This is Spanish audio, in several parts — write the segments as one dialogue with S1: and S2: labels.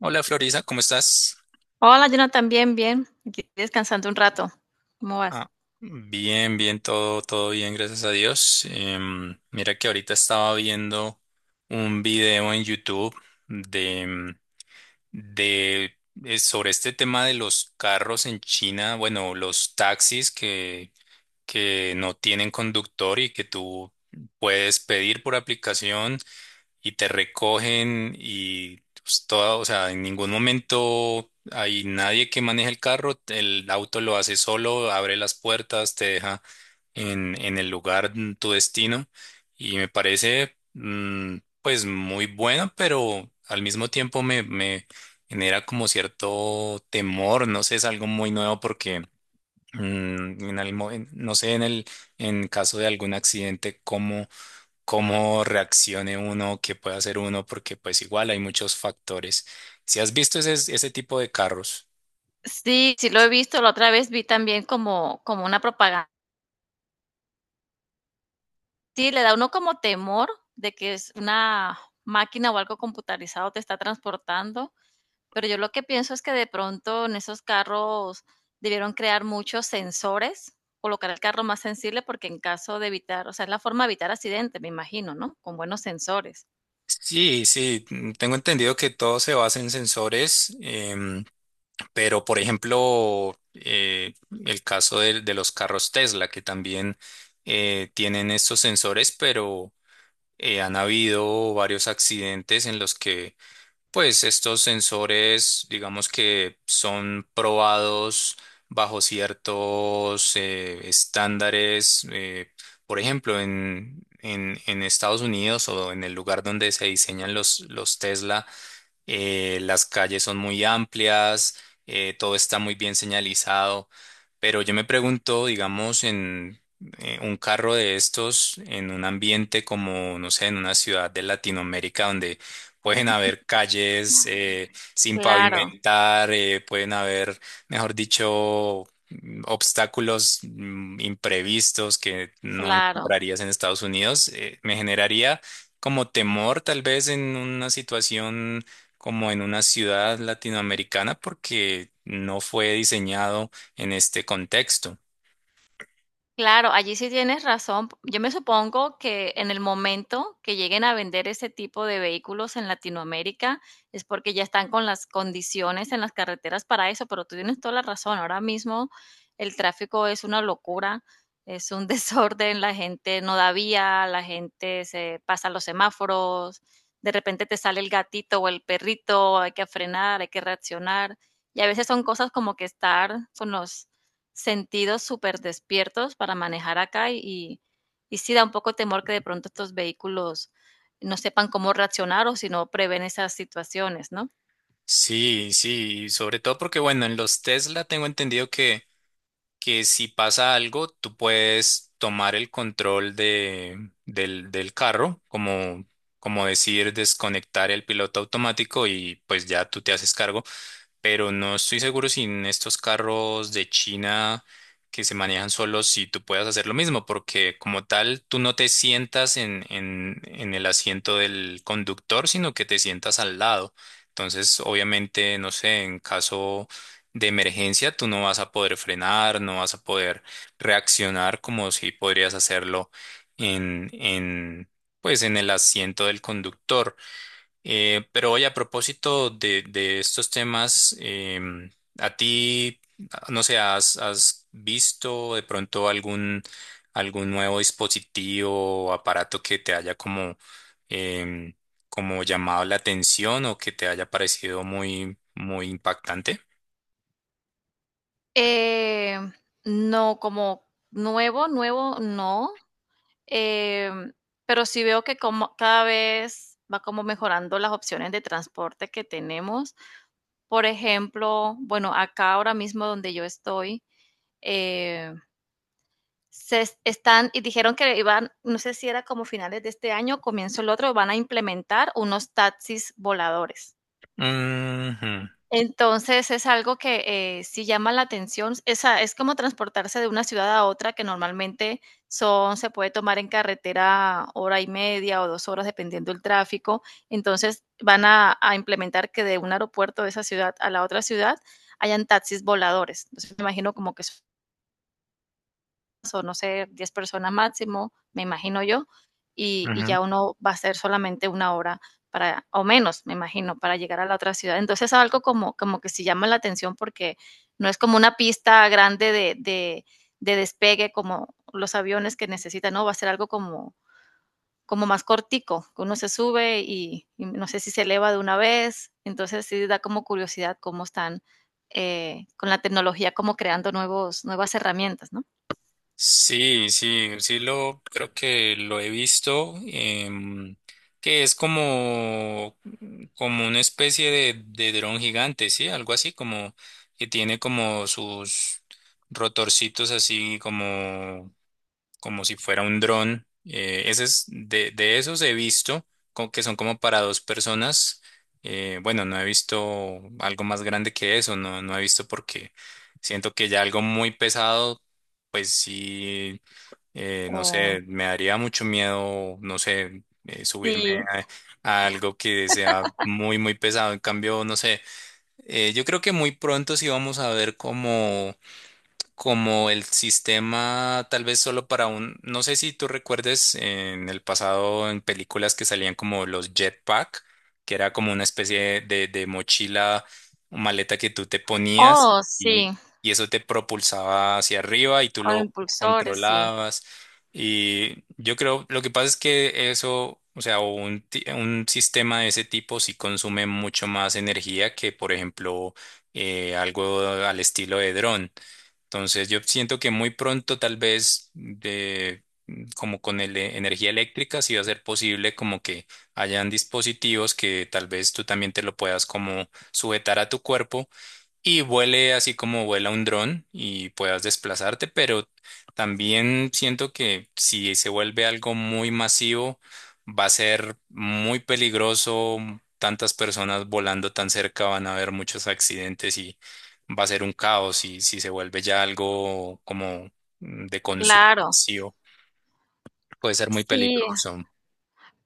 S1: Hola Florisa, ¿cómo estás?
S2: Hola, Jonathan, bien, bien. Aquí descansando un rato. ¿Cómo vas?
S1: Ah, bien, bien, todo, todo bien, gracias a Dios. Mira que ahorita estaba viendo un video en YouTube de, em, de sobre este tema de los carros en China, bueno, los taxis que no tienen conductor y que tú puedes pedir por aplicación y te recogen y pues, o sea, en ningún momento hay nadie que maneje el carro, el auto lo hace solo, abre las puertas, te deja en el lugar, tu destino. Y me parece pues muy bueno, pero al mismo tiempo me genera como cierto temor, no sé, es algo muy nuevo porque... mm, En el, mo- en- no sé, en caso de algún accidente, cómo reaccione uno, qué puede hacer uno, porque pues igual hay muchos factores. Si has visto ese tipo de carros.
S2: Sí, sí lo he visto. La otra vez vi también como una propaganda. Sí, le da uno como temor de que es una máquina o algo computarizado te está transportando. Pero yo lo que pienso es que de pronto en esos carros debieron crear muchos sensores, colocar el carro más sensible porque en caso de evitar, o sea, es la forma de evitar accidentes, me imagino, ¿no? Con buenos sensores.
S1: Sí, sí, tengo entendido que todo se basa en sensores, pero por ejemplo, el caso de los carros Tesla, que también tienen estos sensores, pero han habido varios accidentes en los que pues estos sensores, digamos, que son probados bajo ciertos estándares. Por ejemplo, en Estados Unidos o en el lugar donde se diseñan los Tesla, las calles son muy amplias, todo está muy bien señalizado, pero yo me pregunto, digamos, en un carro de estos, en un ambiente como, no sé, en una ciudad de Latinoamérica donde pueden haber calles sin
S2: Claro,
S1: pavimentar, mejor dicho, obstáculos imprevistos que no
S2: claro.
S1: encontrarías en Estados Unidos. Me generaría como temor tal vez en una situación como en una ciudad latinoamericana porque no fue diseñado en este contexto.
S2: Claro, allí sí tienes razón. Yo me supongo que en el momento que lleguen a vender ese tipo de vehículos en Latinoamérica es porque ya están con las condiciones en las carreteras para eso, pero tú tienes toda la razón. Ahora mismo el tráfico es una locura, es un desorden, la gente no da vía, la gente se pasa los semáforos, de repente te sale el gatito o el perrito, hay que frenar, hay que reaccionar. Y a veces son cosas como que estar con los sentidos súper despiertos para manejar acá y sí da un poco temor que de pronto estos vehículos no sepan cómo reaccionar o si no prevén esas situaciones, ¿no?
S1: Sí, sí, sobre todo porque, bueno, en los Tesla tengo entendido que si pasa algo, tú puedes tomar el control del carro, como, como decir, desconectar el piloto automático y pues ya tú te haces cargo. Pero no estoy seguro si en estos carros de China que se manejan solos, si tú puedas hacer lo mismo, porque como tal, tú no te sientas en el asiento del conductor, sino que te sientas al lado. Entonces, obviamente, no sé, en caso de emergencia, tú no vas a poder frenar, no vas a poder reaccionar como si podrías hacerlo en, en, pues, en el asiento del conductor. Pero oye, a propósito de estos temas, ¿a ti, no sé, has visto de pronto algún nuevo dispositivo o aparato que te haya como, em, como llamado la atención o que te haya parecido muy impactante?
S2: Eh, no, como nuevo, nuevo, no. Em, pero sí veo que como cada vez va como mejorando las opciones de transporte que tenemos. Por ejemplo, bueno, acá ahora mismo donde yo estoy, eh, se están y dijeron que iban, no sé si era como finales de este año, comienzo el otro, van a implementar unos taxis voladores.
S1: Ujú,
S2: Entonces es algo que sí llama la atención. Esa, es como transportarse de una ciudad a otra que normalmente son, se puede tomar en carretera hora y media o dos horas dependiendo del tráfico. Entonces van a implementar que de un aeropuerto de esa ciudad a la otra ciudad hayan taxis voladores. Entonces me imagino como que es o no sé, 10 personas máximo, me imagino yo,
S1: ujú.
S2: ya uno va a ser solamente una hora para, o menos, me imagino, para llegar a la otra ciudad. Entonces algo como, como que sí llama la atención porque no es como una pista grande de despegue como los aviones que necesitan, no, va a ser algo como, como más cortico, que uno se sube no sé si se eleva de una vez, entonces sí da como curiosidad cómo están con la tecnología, como creando nuevos, nuevas herramientas, ¿no?
S1: Sí, sí, sí lo creo que lo he visto, que es como, como una especie de dron gigante, sí, algo así como que tiene como sus rotorcitos así como como si fuera un dron. Ese es, de esos he visto como que son como para dos personas. Bueno, no he visto algo más grande que eso, no, no he visto porque siento que ya algo muy pesado, pues sí, no
S2: O,
S1: sé, me daría mucho miedo, no sé, subirme
S2: sí.
S1: a algo que sea muy pesado. En cambio, no sé, yo creo que muy pronto sí vamos a ver como como el sistema tal vez solo para un, no sé si tú recuerdes en el pasado en películas que salían como los jetpack, que era como una especie de mochila o maleta que tú te ponías
S2: Oh, sí,
S1: y eso te propulsaba hacia arriba y tú
S2: con
S1: lo
S2: impulsores, sí,
S1: controlabas. Y yo creo, lo que pasa es que eso, o sea, un sistema de ese tipo sí consume mucho más energía que, por ejemplo, algo al estilo de dron. Entonces yo siento que muy pronto tal vez de energía eléctrica sí va a ser posible como que hayan dispositivos que tal vez tú también te lo puedas como sujetar a tu cuerpo y vuele así como vuela un dron y puedas desplazarte, pero también siento que si se vuelve algo muy masivo, va a ser muy peligroso. Tantas personas volando tan cerca van a haber muchos accidentes y va a ser un caos. Y si se vuelve ya algo como de consumo
S2: claro.
S1: masivo, puede ser muy
S2: Sí.
S1: peligroso.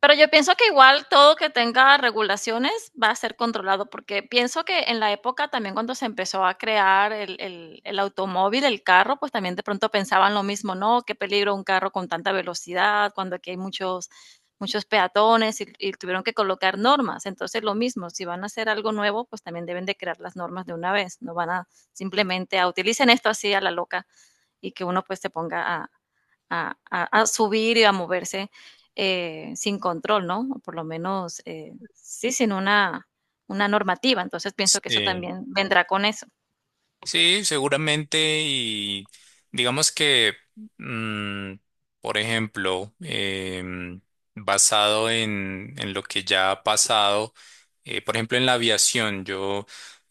S2: Pero yo pienso que igual todo que tenga regulaciones va a ser controlado, porque pienso que en la época también cuando se empezó a crear el automóvil, el carro, pues también de pronto pensaban lo mismo, ¿no? Qué peligro un carro con tanta velocidad, cuando aquí hay muchos, muchos peatones y tuvieron que colocar normas. Entonces lo mismo, si van a hacer algo nuevo, pues también deben de crear las normas de una vez, no van a simplemente a utilicen esto así a la loca y que uno pues se ponga a subir y a moverse sin control, ¿no? O por lo menos, sí, sin una normativa. Entonces pienso que eso
S1: Sí.
S2: también vendrá con eso.
S1: Sí, seguramente. Y digamos que, mm, por ejemplo, basado en lo que ya ha pasado, por ejemplo, en la aviación, yo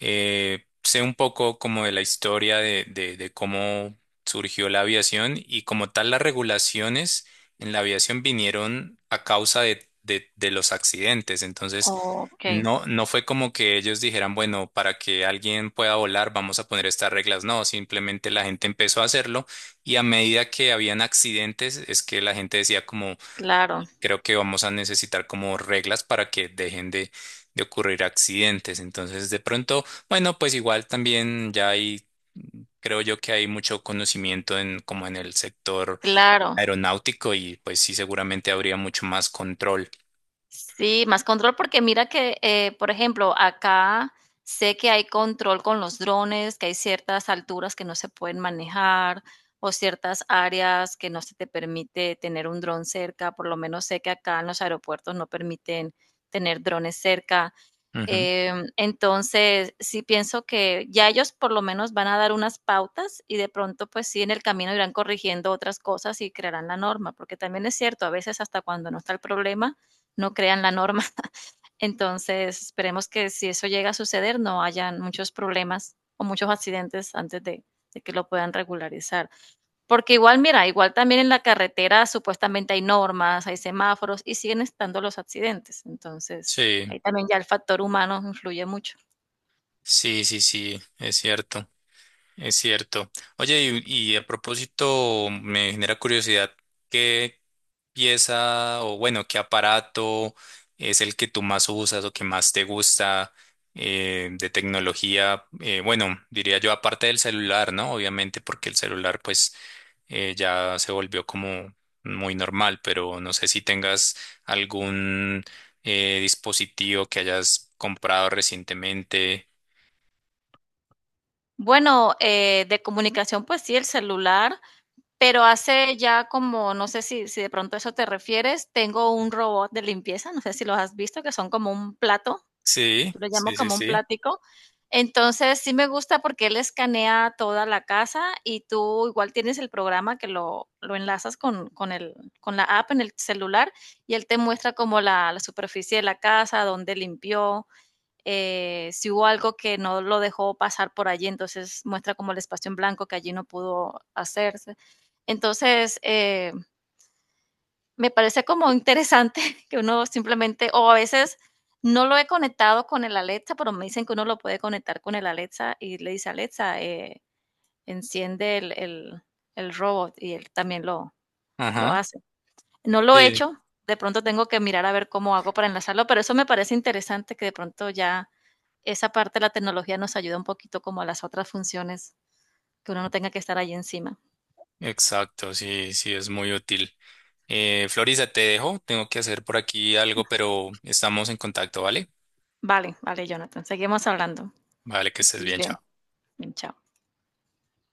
S1: sé un poco como de la historia de cómo surgió la aviación. Y como tal las regulaciones en la aviación vinieron a causa de los accidentes. Entonces,
S2: Ok,
S1: no, no fue como que ellos dijeran, bueno, para que alguien pueda volar, vamos a poner estas reglas. No, simplemente la gente empezó a hacerlo y a medida que habían accidentes, es que la gente decía como,
S2: claro,
S1: creo que vamos a necesitar como reglas para que dejen de ocurrir accidentes. Entonces, de pronto, bueno, pues igual también ya hay, creo yo, que hay mucho conocimiento en como en el sector
S2: claro.
S1: aeronáutico. Y pues sí, seguramente habría mucho más control.
S2: Sí, más control porque mira que, por ejemplo, acá sé que hay control con los drones, que hay ciertas alturas que no se pueden manejar o ciertas áreas que no se te permite tener un dron cerca. Por lo menos sé que acá en los aeropuertos no permiten tener drones cerca.
S1: Ujú.
S2: Entonces, sí pienso que ya ellos por lo menos van a dar unas pautas y de pronto, pues sí, en el camino irán corrigiendo otras cosas y crearán la norma, porque también es cierto, a veces hasta cuando no está el problema, no crean la norma. Entonces, esperemos que si eso llega a suceder, no hayan muchos problemas o muchos accidentes antes de que lo puedan regularizar. Porque igual, mira, igual también en la carretera supuestamente hay normas, hay semáforos y siguen estando los accidentes. Entonces,
S1: Sí.
S2: ahí también ya el factor humano influye mucho.
S1: Sí, sí, sí, es cierto, es cierto. Oye, y a propósito, me genera curiosidad, ¿qué pieza o bueno, qué aparato es el que tú más usas o que más te gusta de tecnología? Bueno, diría yo aparte del celular, ¿no? Obviamente porque el celular pues ya se volvió como muy normal, pero no sé si tengas algún dispositivo que hayas comprado recientemente.
S2: Bueno, de comunicación, pues sí, el celular, pero hace ya como, no sé si de pronto a eso te refieres, tengo un robot de limpieza, no sé si los has visto, que son como un plato
S1: Sí,
S2: lo llamo
S1: sí, sí,
S2: como un
S1: sí.
S2: plático. Entonces, sí me gusta porque él escanea toda la casa y tú igual tienes el programa que lo enlazas el, con la app en el celular y él te muestra como la superficie de la casa, dónde limpió, si hubo algo que no lo dejó pasar por allí, entonces muestra como el espacio en blanco que allí no pudo hacerse. Entonces, me parece como interesante que uno simplemente o a veces no lo he conectado con el Alexa, pero me dicen que uno lo puede conectar con el Alexa y le dice, Alexa, enciende el robot y él también lo
S1: Ajá.
S2: hace. No lo he
S1: Sí,
S2: hecho, de pronto tengo que mirar a ver cómo hago para enlazarlo, pero eso me parece interesante que de pronto ya esa parte de la tecnología nos ayuda un poquito como a las otras funciones, que uno no tenga que estar ahí encima.
S1: exacto, sí, sí, es muy útil. Florisa, te dejo, tengo que hacer por aquí algo, pero estamos en contacto, ¿vale?
S2: Vale, vale, Jonathan, seguimos hablando.
S1: Vale, que estés
S2: Que
S1: bien,
S2: bien.
S1: chao.
S2: Bien, chao.